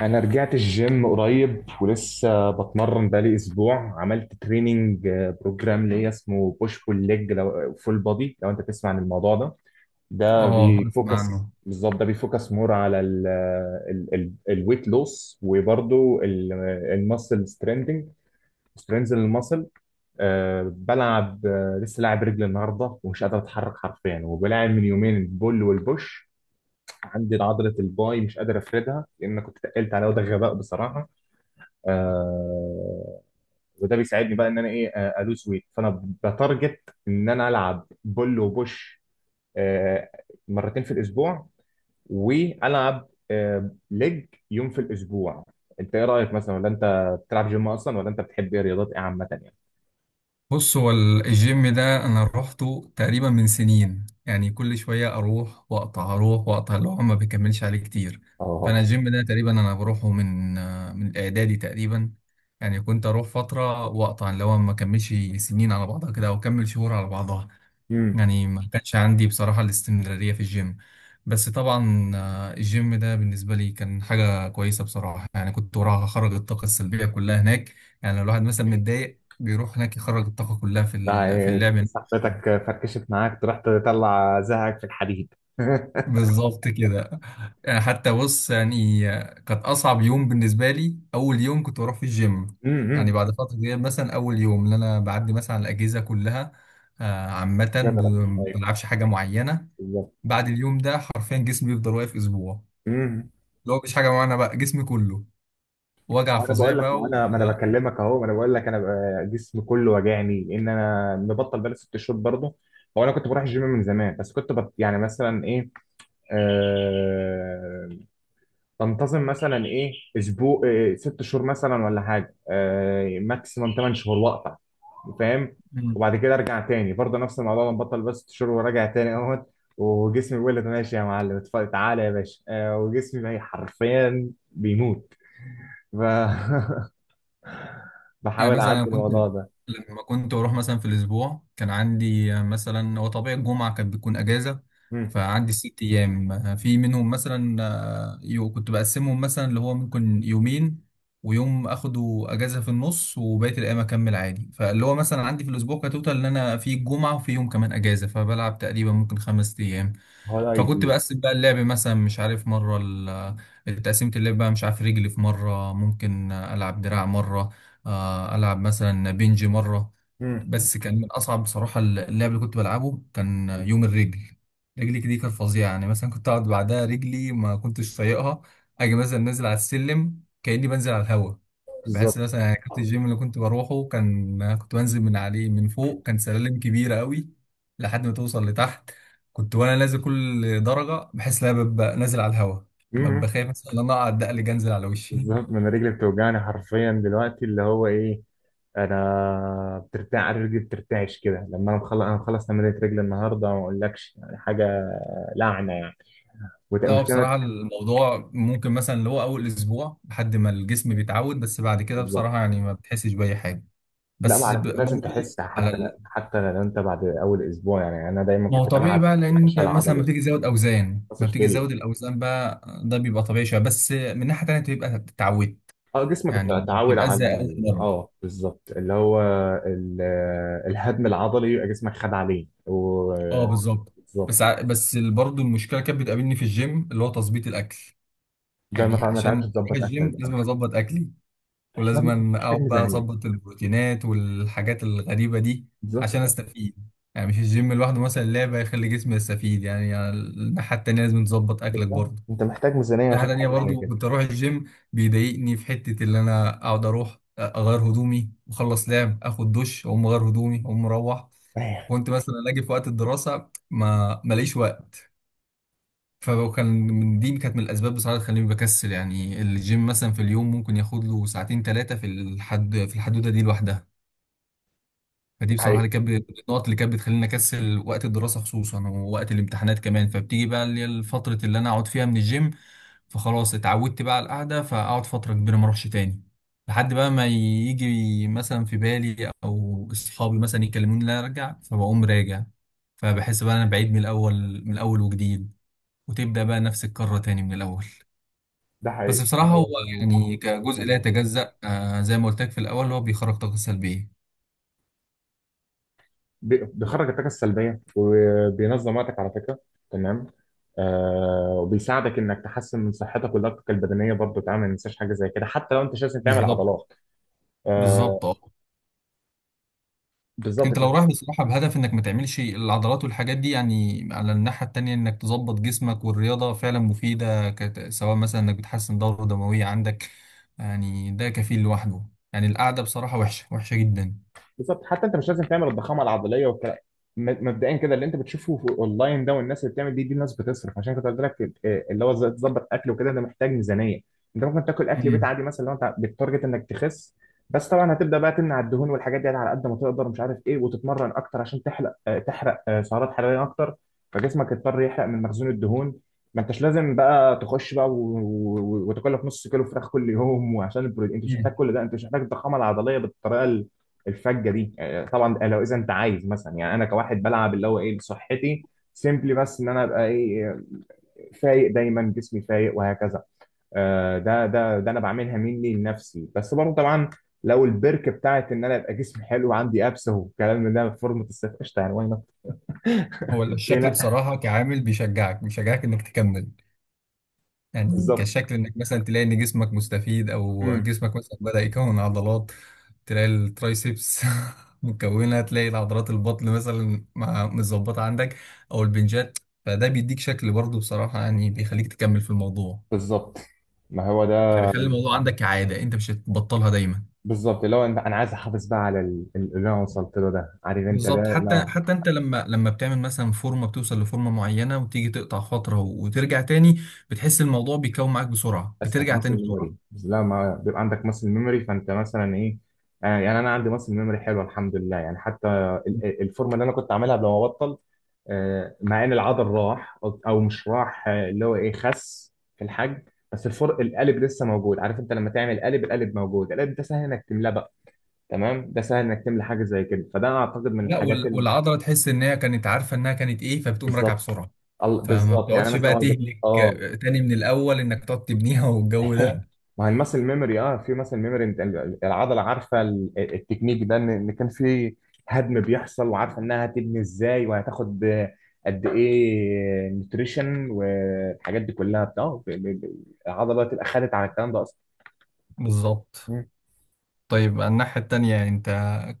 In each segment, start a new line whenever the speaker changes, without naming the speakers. انا رجعت الجيم قريب ولسه بتمرن بقالي اسبوع. عملت تريننج بروجرام ليا اسمه بوش بول ليج لو فول بودي. لو انت تسمع عن الموضوع ده، ده
اه، اسمع
بيفوكس،
عنه.
بالظبط ده بيفوكس مور على الويت لوس وبرضه الماسل ستريندنج، سترينز الماسل. بلعب لسه لاعب رجل النهارده ومش قادر اتحرك حرفيا، وبلاعب من يومين البول والبوش. عندي عضله الباي مش قادر افردها لان كنت تقلت عليها وده غباء بصراحه. آه. وده بيساعدني بقى ان انا ايه، الوز ويت، فانا بتارجت ان انا العب بول وبوش. آه. مرتين في الاسبوع. والعب ليج يوم في الاسبوع. انت ايه رايك مثلا؟ ولا انت بتلعب جيم اصلا؟ ولا انت بتحب ايه رياضات ايه عامه يعني؟
بص، هو الجيم ده انا روحته تقريبا من سنين، يعني كل شويه اروح واقطع اروح واقطع اللي هو ما بيكملش عليه كتير. فانا
اه.
الجيم ده تقريبا انا بروحه من الاعدادي تقريبا. يعني كنت اروح فتره واقطع، اللي هو ما كملش سنين على بعضها كده او اكمل شهور على بعضها.
امم
يعني ما كانش عندي بصراحه الاستمراريه في الجيم. بس طبعا الجيم ده بالنسبه لي كان حاجه كويسه بصراحه، يعني كنت وراها اخرج الطاقه السلبيه كلها هناك. يعني لو الواحد مثلا متضايق، بيروح هناك يخرج الطاقة كلها
ده
في اللعب نفسه.
صاحبتك فركشت معاك تروح تطلع زهقك في الحديد
بالظبط كده. يعني حتى بص يعني كانت أصعب يوم بالنسبة لي أول يوم كنت بروح في الجيم، يعني
امم
بعد فترة كبيرة مثلا أول يوم اللي أنا بعدي مثلا على الأجهزة كلها عامة،
جنرال.
ما
ايوه.
بلعبش حاجة معينة.
بالظبط.
بعد اليوم ده حرفيا جسمي بيفضل واقف أسبوع، اللي هو مفيش حاجة معينة بقى، جسمي كله وجع
انا
فظيع
بقول لك، ما
بقى.
انا ما انا بكلمك اهو، ما انا بقول لك انا بقى جسمي كله وجعني ان انا مبطل بقالي ست شهور برضه. هو انا كنت بروح الجيم من زمان بس كنت يعني مثلا ايه، آه... بنتظم مثلا ايه، اسبوع، ست شهور مثلا ولا حاجه، ماكسيمم ثمان شهور واقطع، فاهم؟
و...
وبعد كده ارجع تاني برضه نفس الموضوع، بنبطل بس ست شهور وراجع تاني اهوت. وجسمي بيقول لي ماشي يا معلم اتفضل، تعالى يا باشا. وجسمي بقى حرفيا بيموت. ف...
يعني
بحاول
مثلا
اعدي
انا كنت،
الموضوع ده.
لما كنت بروح مثلا في الاسبوع كان عندي مثلا، هو طبيعي الجمعه كانت بتكون اجازه،
مم.
فعندي ست ايام في منهم مثلا، كنت بقسمهم مثلا اللي هو ممكن يومين ويوم اخده اجازه في النص وبقيه الايام اكمل عادي، فاللي هو مثلا عندي في الاسبوع كتوتال ان انا في الجمعه وفي يوم كمان اجازه، فبلعب تقريبا ممكن خمس ايام.
هو ده
فكنت
ايدي.
بقسم بقى اللعب مثلا مش عارف مرة التقسيمة اللعب بقى مش عارف رجلي في مرة، ممكن ألعب دراع مرة، ألعب مثلا بنج مرة.
مم.
بس كان من أصعب بصراحة اللعب اللي كنت بلعبه كان يوم الرجل. رجلي دي كانت فظيعة، يعني مثلا كنت أقعد بعدها رجلي ما كنتش طايقها، أجي مثلا نازل على السلم كأني بنزل على الهوا. بحس
بالظبط.
مثلا، يعني كنت الجيم اللي كنت بروحه كان كنت بنزل من عليه من فوق كان سلالم كبيرة قوي، لحد ما توصل لتحت. كنت وانا نازل كل درجه بحس ان انا ببقى نازل على الهواء،
مم.
ببقى خايف مثلا ان انا اقعد دقل جنزل على وشي.
بالظبط، ما انا رجلي بتوجعني حرفيا دلوقتي اللي هو ايه، انا بترتاع، رجلي بترتعش كده لما انا مخلص تمرينة رجلي النهارده ما اقولكش يعني حاجه، لعنه يعني،
لا هو
ومشكله.
بصراحه الموضوع ممكن مثلا اللي هو اول اسبوع لحد ما الجسم بيتعود، بس بعد كده
بالظبط.
بصراحه يعني ما بتحسش باي حاجه.
لا ما
بس
على فكره لازم
برضه
تحس
على
حتى، حتى لو انت بعد اول اسبوع، يعني انا دايما
ما هو
كنت
طبيعي
بلعب
بقى،
حتى
لان
الفشل
انت مثلا ما
العضلي.
بتيجي تزود اوزان، ما
فاصل
بتيجي
فيليا.
تزود الاوزان بقى ده بيبقى طبيعي شويه، بس من ناحيه تانيه بتبقى اتعودت.
اه جسمك
يعني ما
اتعود
بتبقاش
على
زي اول مره.
اه بالظبط اللي هو ال... الهدم العضلي، يبقى جسمك خد عليه و...
اه بالظبط.
بالظبط.
بس بس برضه المشكله كانت بتقابلني في الجيم اللي هو تظبيط الاكل.
ده
يعني
ما
عشان
تعرفش
اروح
تظبط اكلك
الجيم
بقى.
لازم اظبط اكلي،
محتاج،
ولازم
محتاج
اقعد بقى
ميزانيه،
اظبط البروتينات والحاجات الغريبه دي
بالظبط
عشان
كده.
استفيد. يعني مش الجيم لوحده مثلا لعبه يخلي جسمي يستفيد، يعني على الناحيه التانيه لازم تظبط اكلك
بالظبط
برضه.
انت محتاج ميزانيه
الناحيه
عشان
التانيه
حاجه زي
برضه
كده.
كنت اروح الجيم بيضايقني في حته اللي انا اقعد اروح اغير هدومي واخلص لعب اخد دش اقوم اغير هدومي اقوم مروح.
ايوه.
كنت مثلا اجي في وقت الدراسه ما ماليش وقت. فهو كان من دي كانت من الاسباب بصراحه اللي تخليني بكسل، يعني الجيم مثلا في اليوم ممكن ياخد له ساعتين ثلاثه في الحدوده دي لوحدها.
ده
فدي بصراحه اللي
حقيقي.
كانت النقط اللي كانت بتخليني اكسل وقت الدراسه خصوصا ووقت الامتحانات كمان، فبتيجي بقى اللي هي الفتره اللي انا اقعد فيها من الجيم. فخلاص اتعودت بقى على القعده فاقعد فتره كبيره ما اروحش تاني، لحد بقى ما يجي مثلا في بالي او اصحابي مثلا يكلموني لا ارجع فبقوم راجع. فبحس بقى انا بعيد من الاول من الاول وجديد، وتبدأ بقى نفس الكرة تاني من الأول.
ده
بس
حقيقي،
بصراحة
أنا
هو
لازم أعمل
يعني
حاجة في
كجزء لا
الموضوع ده.
يتجزأ زي ما قلت لك في الأول هو بيخرج طاقة سلبية.
بيخرج الطاقه السلبيه وبينظم وقتك على فكره، تمام. آه وبيساعدك انك تحسن من صحتك ولياقتك البدنيه برضه، تعمل ما تنساش حاجه زي كده حتى لو انت مش لازم تعمل
بالظبط،
عضلات. آه،
بالظبط اه.
بالظبط
انت لو
كده.
رايح بصراحة بهدف انك ما تعملش العضلات والحاجات دي، يعني على الناحية التانية انك تظبط جسمك، والرياضة فعلا مفيدة سواء مثلا انك بتحسن دورة دموية عندك، يعني ده كفيل لوحده. يعني القعدة بصراحة وحشة وحشة جدا.
بالظبط، حتى انت مش لازم تعمل الضخامه العضليه والكلام. مبدئيا كده اللي انت بتشوفه في اونلاين ده والناس اللي بتعمل دي الناس بتصرف، عشان كنت قلت لك اللي هو ازاي تظبط اكل وكده، ده محتاج ميزانيه. انت ممكن تاكل اكل بيت
امم،
عادي مثلا لو انت بالتارجت انك تخس. بس طبعا هتبدا بقى تمنع الدهون والحاجات دي على قد ما تقدر، مش عارف ايه، وتتمرن اكتر عشان تحرق سعرات حراريه اكتر، فجسمك يضطر يحرق من مخزون الدهون. ما انتش لازم بقى تخش بقى وتاكل لك نص كيلو فراخ كل يوم وعشان البروتين، انت مش محتاج
امم.
كل ده، انت مش محتاج الضخامه العضليه بالطريقه الفجه دي. آه، طبعا آه، لو اذا انت عايز، مثلا يعني انا كواحد بلعب اللي هو ايه لصحتي، سيمبلي، بس ان انا ابقى ايه، فايق، دايما جسمي فايق وهكذا. ده انا بعملها مني لنفسي، بس برضه طبعا لو البرك بتاعت ان انا ابقى جسمي حلو وعندي ابس والكلام من ده في فورمه الصيف، قشطه يعني، واي نوت،
هو
ليه
الشكل
لا.
بصراحة كعامل بيشجعك انك تكمل، يعني
بالظبط.
كشكل انك مثلا تلاقي ان جسمك مستفيد او
امم.
جسمك مثلا بدأ يكون عضلات، تلاقي الترايسبس مكونة، تلاقي العضلات البطن مثلا متظبطة عندك او البنجات. فده بيديك شكل برضه بصراحة، يعني بيخليك تكمل في الموضوع،
بالظبط. ما هو
يعني
ده.
بيخلي الموضوع عندك كعادة انت مش هتبطلها دايما.
بالظبط اللي هو انا عايز احافظ بقى على اللي انا وصلت له ده، عارف انت
بالظبط،
ده؟
حتى
لا
انت لما بتعمل مثلا فورمة بتوصل لفورمة معينة وتيجي تقطع فترة وترجع تاني، بتحس الموضوع بيكون معاك بسرعة
اسهل،
بترجع
ماسل
تاني بسرعة.
ميموري. بس لا ما بيبقى عندك ماسل ميموري فانت مثلا ايه، يعني انا عندي ماسل ميموري حلوه الحمد لله، يعني حتى الفورمه اللي انا كنت عاملها قبل ما ابطل، مع ان العضل راح او أو مش راح، اللي هو ايه، خس في الحجم بس الفرق القالب لسه موجود، عارف انت لما تعمل قالب، القالب موجود، القالب ده سهل انك تملاه بقى، تمام، ده سهل انك تملى حاجه زي كده، فده انا اعتقد من
لا
الحاجات
والعضله تحس ان هي كانت عارفه انها كانت ايه فبتقوم راجعه
بالظبط
بسرعه. فما
بالظبط. يعني
بتقعدش
مثلا
بقى
وأنا
تهلك
اه
تاني من الاول انك تقعد تبنيها والجو ده.
ما هي المسل ميموري، اه في مسل ميموري، انت العضله عارفه التكنيك ده ان إن كان في هدم بيحصل، وعارفه انها هتبني ازاي وهتاخد قد ايه نوتريشن والحاجات دي كلها بتاع العضله تبقى خدت على الكلام ده
بالظبط.
اصلا.
طيب، الناحيه التانيه انت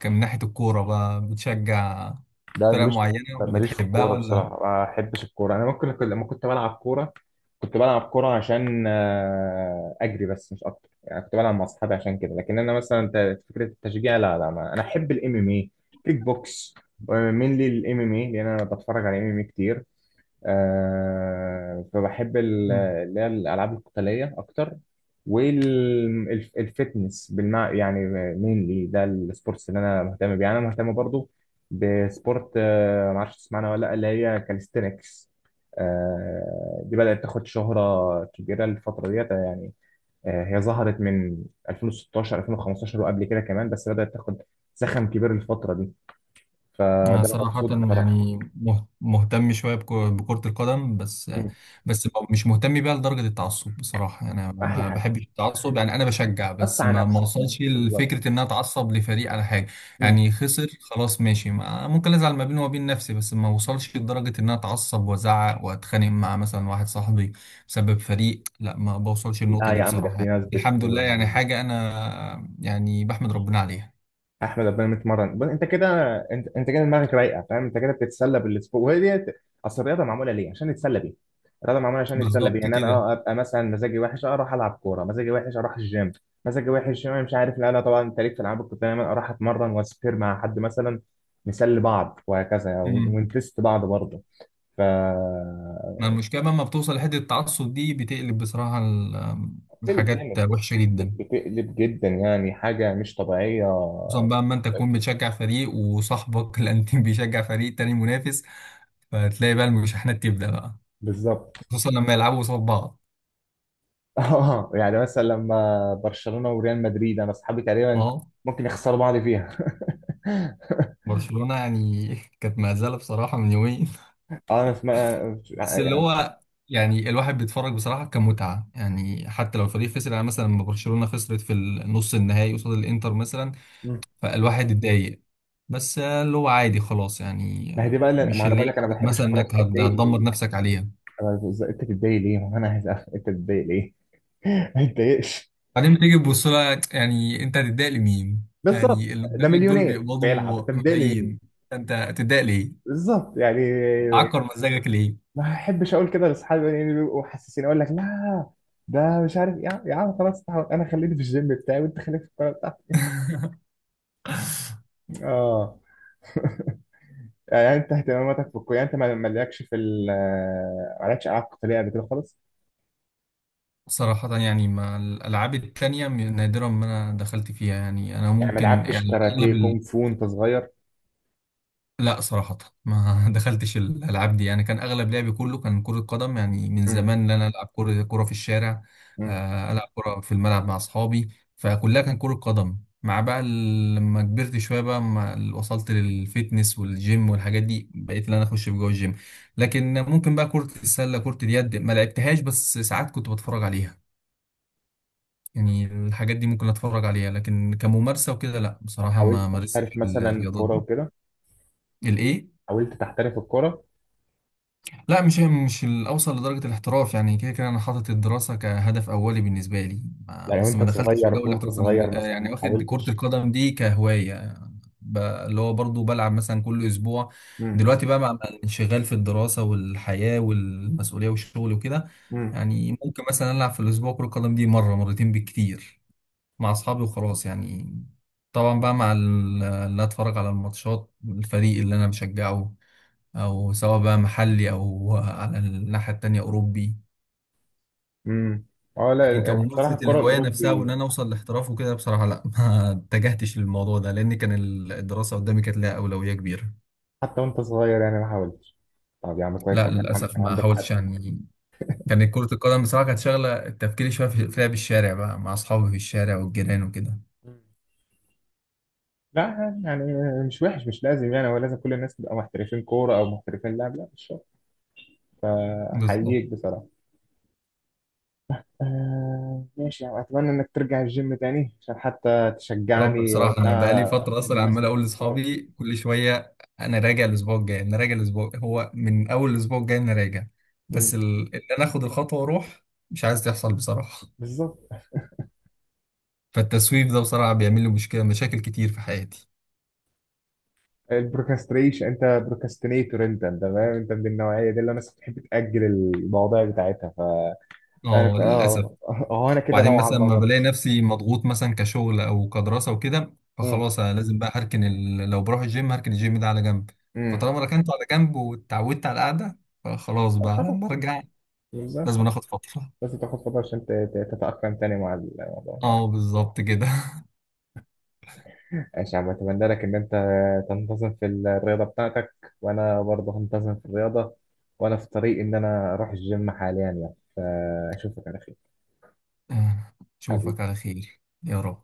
من ناحيه الكوره بقى بتشجع
لا أنا
فرق
ماليش.
معينه
لا، ماليش في
وبتحبها
الكورة
ولا؟
بصراحة، ما بحبش الكورة. أنا ممكن لما كنت بلعب كورة، كنت بلعب كورة عشان أجري بس، مش أكتر، يعني كنت بلعب مع أصحابي عشان كده، لكن أنا مثلا فكرة التشجيع لا لا ما. أنا أحب الإم إم إيه، كيك بوكس، ومين لي الإم إم إيه لأن أنا بتفرج على إم إم إيه كتير، فبحب اللي هي الألعاب القتالية أكتر، والفتنس بالمع يعني، مينلي ده السبورتس اللي أنا مهتم بيه. يعني أنا مهتم برضو بسبورت، معرفش تسمعنا ولا لأ، اللي هي كاليستينكس. دي بدأت تاخد شهرة كبيرة الفترة ديت يعني. هي ظهرت من 2016 2015 وقبل كده كمان، بس بدأت تاخد زخم كبير الفترة دي،
أنا
فده أنا
صراحة
مبسوط بصراحة.
يعني مهتم شوية بكرة القدم بس.
مم.
بس مش مهتم بيها لدرجة التعصب بصراحة، يعني أنا
أحلى
ما
حاجة،
بحبش التعصب، يعني أنا بشجع بس
قطع
ما
نفسك،
وصلش
بالظبط.
لفكرة إن أنا أتعصب لفريق على حاجة.
مم.
يعني خسر خلاص ماشي، ممكن أزعل ما بيني وبين نفسي بس ما وصلش لدرجة إن أنا أتعصب وأزعق وأتخانق مع مثلا واحد صاحبي بسبب فريق، لا ما بوصلش
لا
للنقطة دي
يا عم ده
بصراحة
في
يعني.
ناس بت،
الحمد لله، يعني حاجة أنا يعني بحمد ربنا عليها.
احمد ربنا متمرن. بص انت كده، انت كده دماغك رايقه، فاهم؟ انت كده بتتسلى بالسبور، وهي دي اصل الرياضه معموله ليه، عشان نتسلى بيها، الرياضه معموله عشان نتسلى بيها،
بالظبط
ان انا
كده.
اه ابقى مثلا مزاجي وحش، اروح العب كوره، مزاجي وحش اروح الجيم، مزاجي وحش، انا مش عارف، لا لا طبعا. انت ليك في العاب، كنت دايما اروح اتمرن واسبير مع حد مثلا، نسلي بعض وهكذا
إمم.
ونتست بعض برضه. ف،
ما المشكلة لما بتوصل لحتة التعصب دي بتقلب بصراحة
بتقلب
الحاجات
جامد،
وحشة جدا.
بتقلب جدا يعني، حاجه مش طبيعيه.
خصوصا بقى اما انت تكون بتشجع فريق وصاحبك الانتيم بيشجع فريق تاني منافس، فتلاقي بقى المشاحنات تبدأ بقى،
بالظبط.
خصوصا لما يلعبوا قصاد بعض.
اه يعني مثلا لما برشلونة وريال مدريد، انا اصحابي تقريبا
اه.
ممكن يخسروا بعض فيها.
برشلونة يعني كانت مهزلة بصراحة من يومين
اه انا اسمع
بس اللي
يعني.
هو يعني الواحد بيتفرج بصراحة كمتعة، يعني حتى لو الفريق خسر، يعني مثلا لما برشلونة خسرت في النص النهائي قصاد الانتر مثلا،
مم.
فالواحد اتضايق، بس اللي هو عادي خلاص يعني،
ما هي دي بقى ما
مش
انا
اللي
بقول
هي
لك انا ما
حاجة
بحبش
مثلا
الكوره،
انك
اتضايق
هتدمر
ليه؟
نفسك عليها.
انت تتضايق ليه؟ ما هو انا عايز أفهم، انت تتضايق ليه؟ ما تتضايقش،
بعدين تيجي تبص لها، يعني انت هتتضايق لمين؟
بالظبط،
يعني اللي
ده
قدامك دول
مليونير بيلعب،
بيقبضوا
انت متضايق لمين؟
ملايين، انت هتتضايق ليه؟
بالظبط يعني.
تعكر مزاجك ليه؟
ما احبش اقول كده لاصحابي، يعني بيبقوا حاسسين، اقول لك لا ده، مش عارف، يا عم خلاص، تعال، انا خليني في الجيم بتاعي وانت خليك في الكوره بتاعتك. اه. يعني انت اهتماماتك في الكوره، يعني انت مالكش في مالكش العاب قتاليه قبل كده خالص،
صراحة يعني مع الألعاب التانية نادرا ما أنا دخلت فيها، يعني أنا
يعني ما
ممكن
لعبتش
يعني
كاراتيه
أغلب.
كونغ فو وانت صغير؟
لا صراحة ما دخلتش الألعاب دي، يعني كان أغلب لعبي كله كان كرة قدم، يعني من
مم.
زمان إن أنا ألعب كرة كرة في الشارع،
مم.
ألعب كرة في الملعب مع أصحابي. فكلها كان كرة قدم، مع بقى لما كبرت شوية بقى ما وصلت للفيتنس والجيم والحاجات دي بقيت إن أنا أخش في جوه الجيم. لكن ممكن بقى كرة السلة كرة اليد ما لعبتهاش بس ساعات كنت بتفرج عليها، يعني الحاجات دي ممكن أتفرج عليها لكن كممارسة وكده لا بصراحة
حاولت
ما مارستش
تحترف مثلا
الرياضات
كوره
دي.
وكده؟
الإيه؟
حاولت تحترف الكوره؟
لا مش الاوصل لدرجه الاحتراف، يعني كده كده انا حاطط الدراسه كهدف اولي بالنسبه لي.
يعني
بس
وانت
ما دخلتش في
صغير،
جو
وانت
الاحتراف أنا
صغير مثلا
يعني
ما
واخد كره
حاولتش؟
القدم دي كهوايه. اللي هو برضو بلعب مثلا كل اسبوع.
مم.
دلوقتي بقى مع الانشغال في الدراسه والحياه والمسؤوليه والشغل وكده،
مم.
يعني ممكن مثلا العب في الاسبوع كره القدم دي مره مرتين بالكتير مع اصحابي وخلاص يعني. طبعا بقى مع اللي اتفرج على الماتشات الفريق اللي انا بشجعه، او سواء بقى محلي او على الناحيه التانيه اوروبي.
امم. اه،
لكن
لا
كممارسه
بصراحه الكوره
الهوايه نفسها
الاوروبي.
وان انا اوصل لاحتراف وكده بصراحه لا ما اتجهتش للموضوع ده لان كان الدراسه قدامي كانت لها اولويه كبيره.
حتى وانت صغير يعني ما حاولتش؟ طب يا عم كويس
لا
ان كان
للاسف
كان
ما
عندك حد.
حاولتش يعني، كانت كره القدم بصراحه كانت شغله تفكيري شويه في لعب الشارع بقى مع اصحابي في الشارع والجيران وكده.
مم. لا يعني مش وحش، مش لازم يعني ولا لازم كل الناس تبقى محترفين كوره او محترفين لعب، لا مش شرط،
بالظبط.
فحييك بصراحة. آه ماشي يعني، أتمنى إنك ترجع الجيم تاني عشان حتى
يا رب
تشجعني
بصراحة، أنا بقالي
وبتاع،
فترة أصلا
الناس
عمال
اللي
أقول
بتتمرن.
لأصحابي كل شوية أنا راجع الأسبوع الجاي، أنا راجع الأسبوع، هو من أول الأسبوع الجاي أنا راجع، بس
مم.
إن أنا آخد الخطوة وأروح مش عايز تحصل بصراحة.
بالظبط.
فالتسويف ده بصراحة بيعمل لي مشكلة مشاكل كتير في حياتي.
البروكاستريشن، أنت بروكاستينيتور، أنت فاهم، أنت من النوعية دي اللي الناس بتحب تأجل المواضيع بتاعتها. ف،
أه
أنا
للأسف.
آه، هو أنا كده
وبعدين
نوعا
مثلا
ما
ما
برضه.
بلاقي نفسي مضغوط مثلا كشغل أو كدراسة وكده
مم.
فخلاص أنا لازم بقى هركن لو بروح الجيم هركن الجيم ده على جنب.
مم.
فطالما ركنته على جنب واتعودت على القعدة فخلاص بقى
خلاص.
لما أرجع لازم
بالظبط.
آخد فترة.
بس تاخد فترة عشان تتأقلم تاني مع الموضوع.
اه بالظبط كده.
ماشي يا عم، اتمنى لك ان انت تنتظم في الرياضه بتاعتك، وانا برضه هنتظم في الرياضه، وانا في طريق ان انا اروح الجيم حاليا يعني، فاشوفك على خير
اشوفك
حبيبي.
على خير يا رب.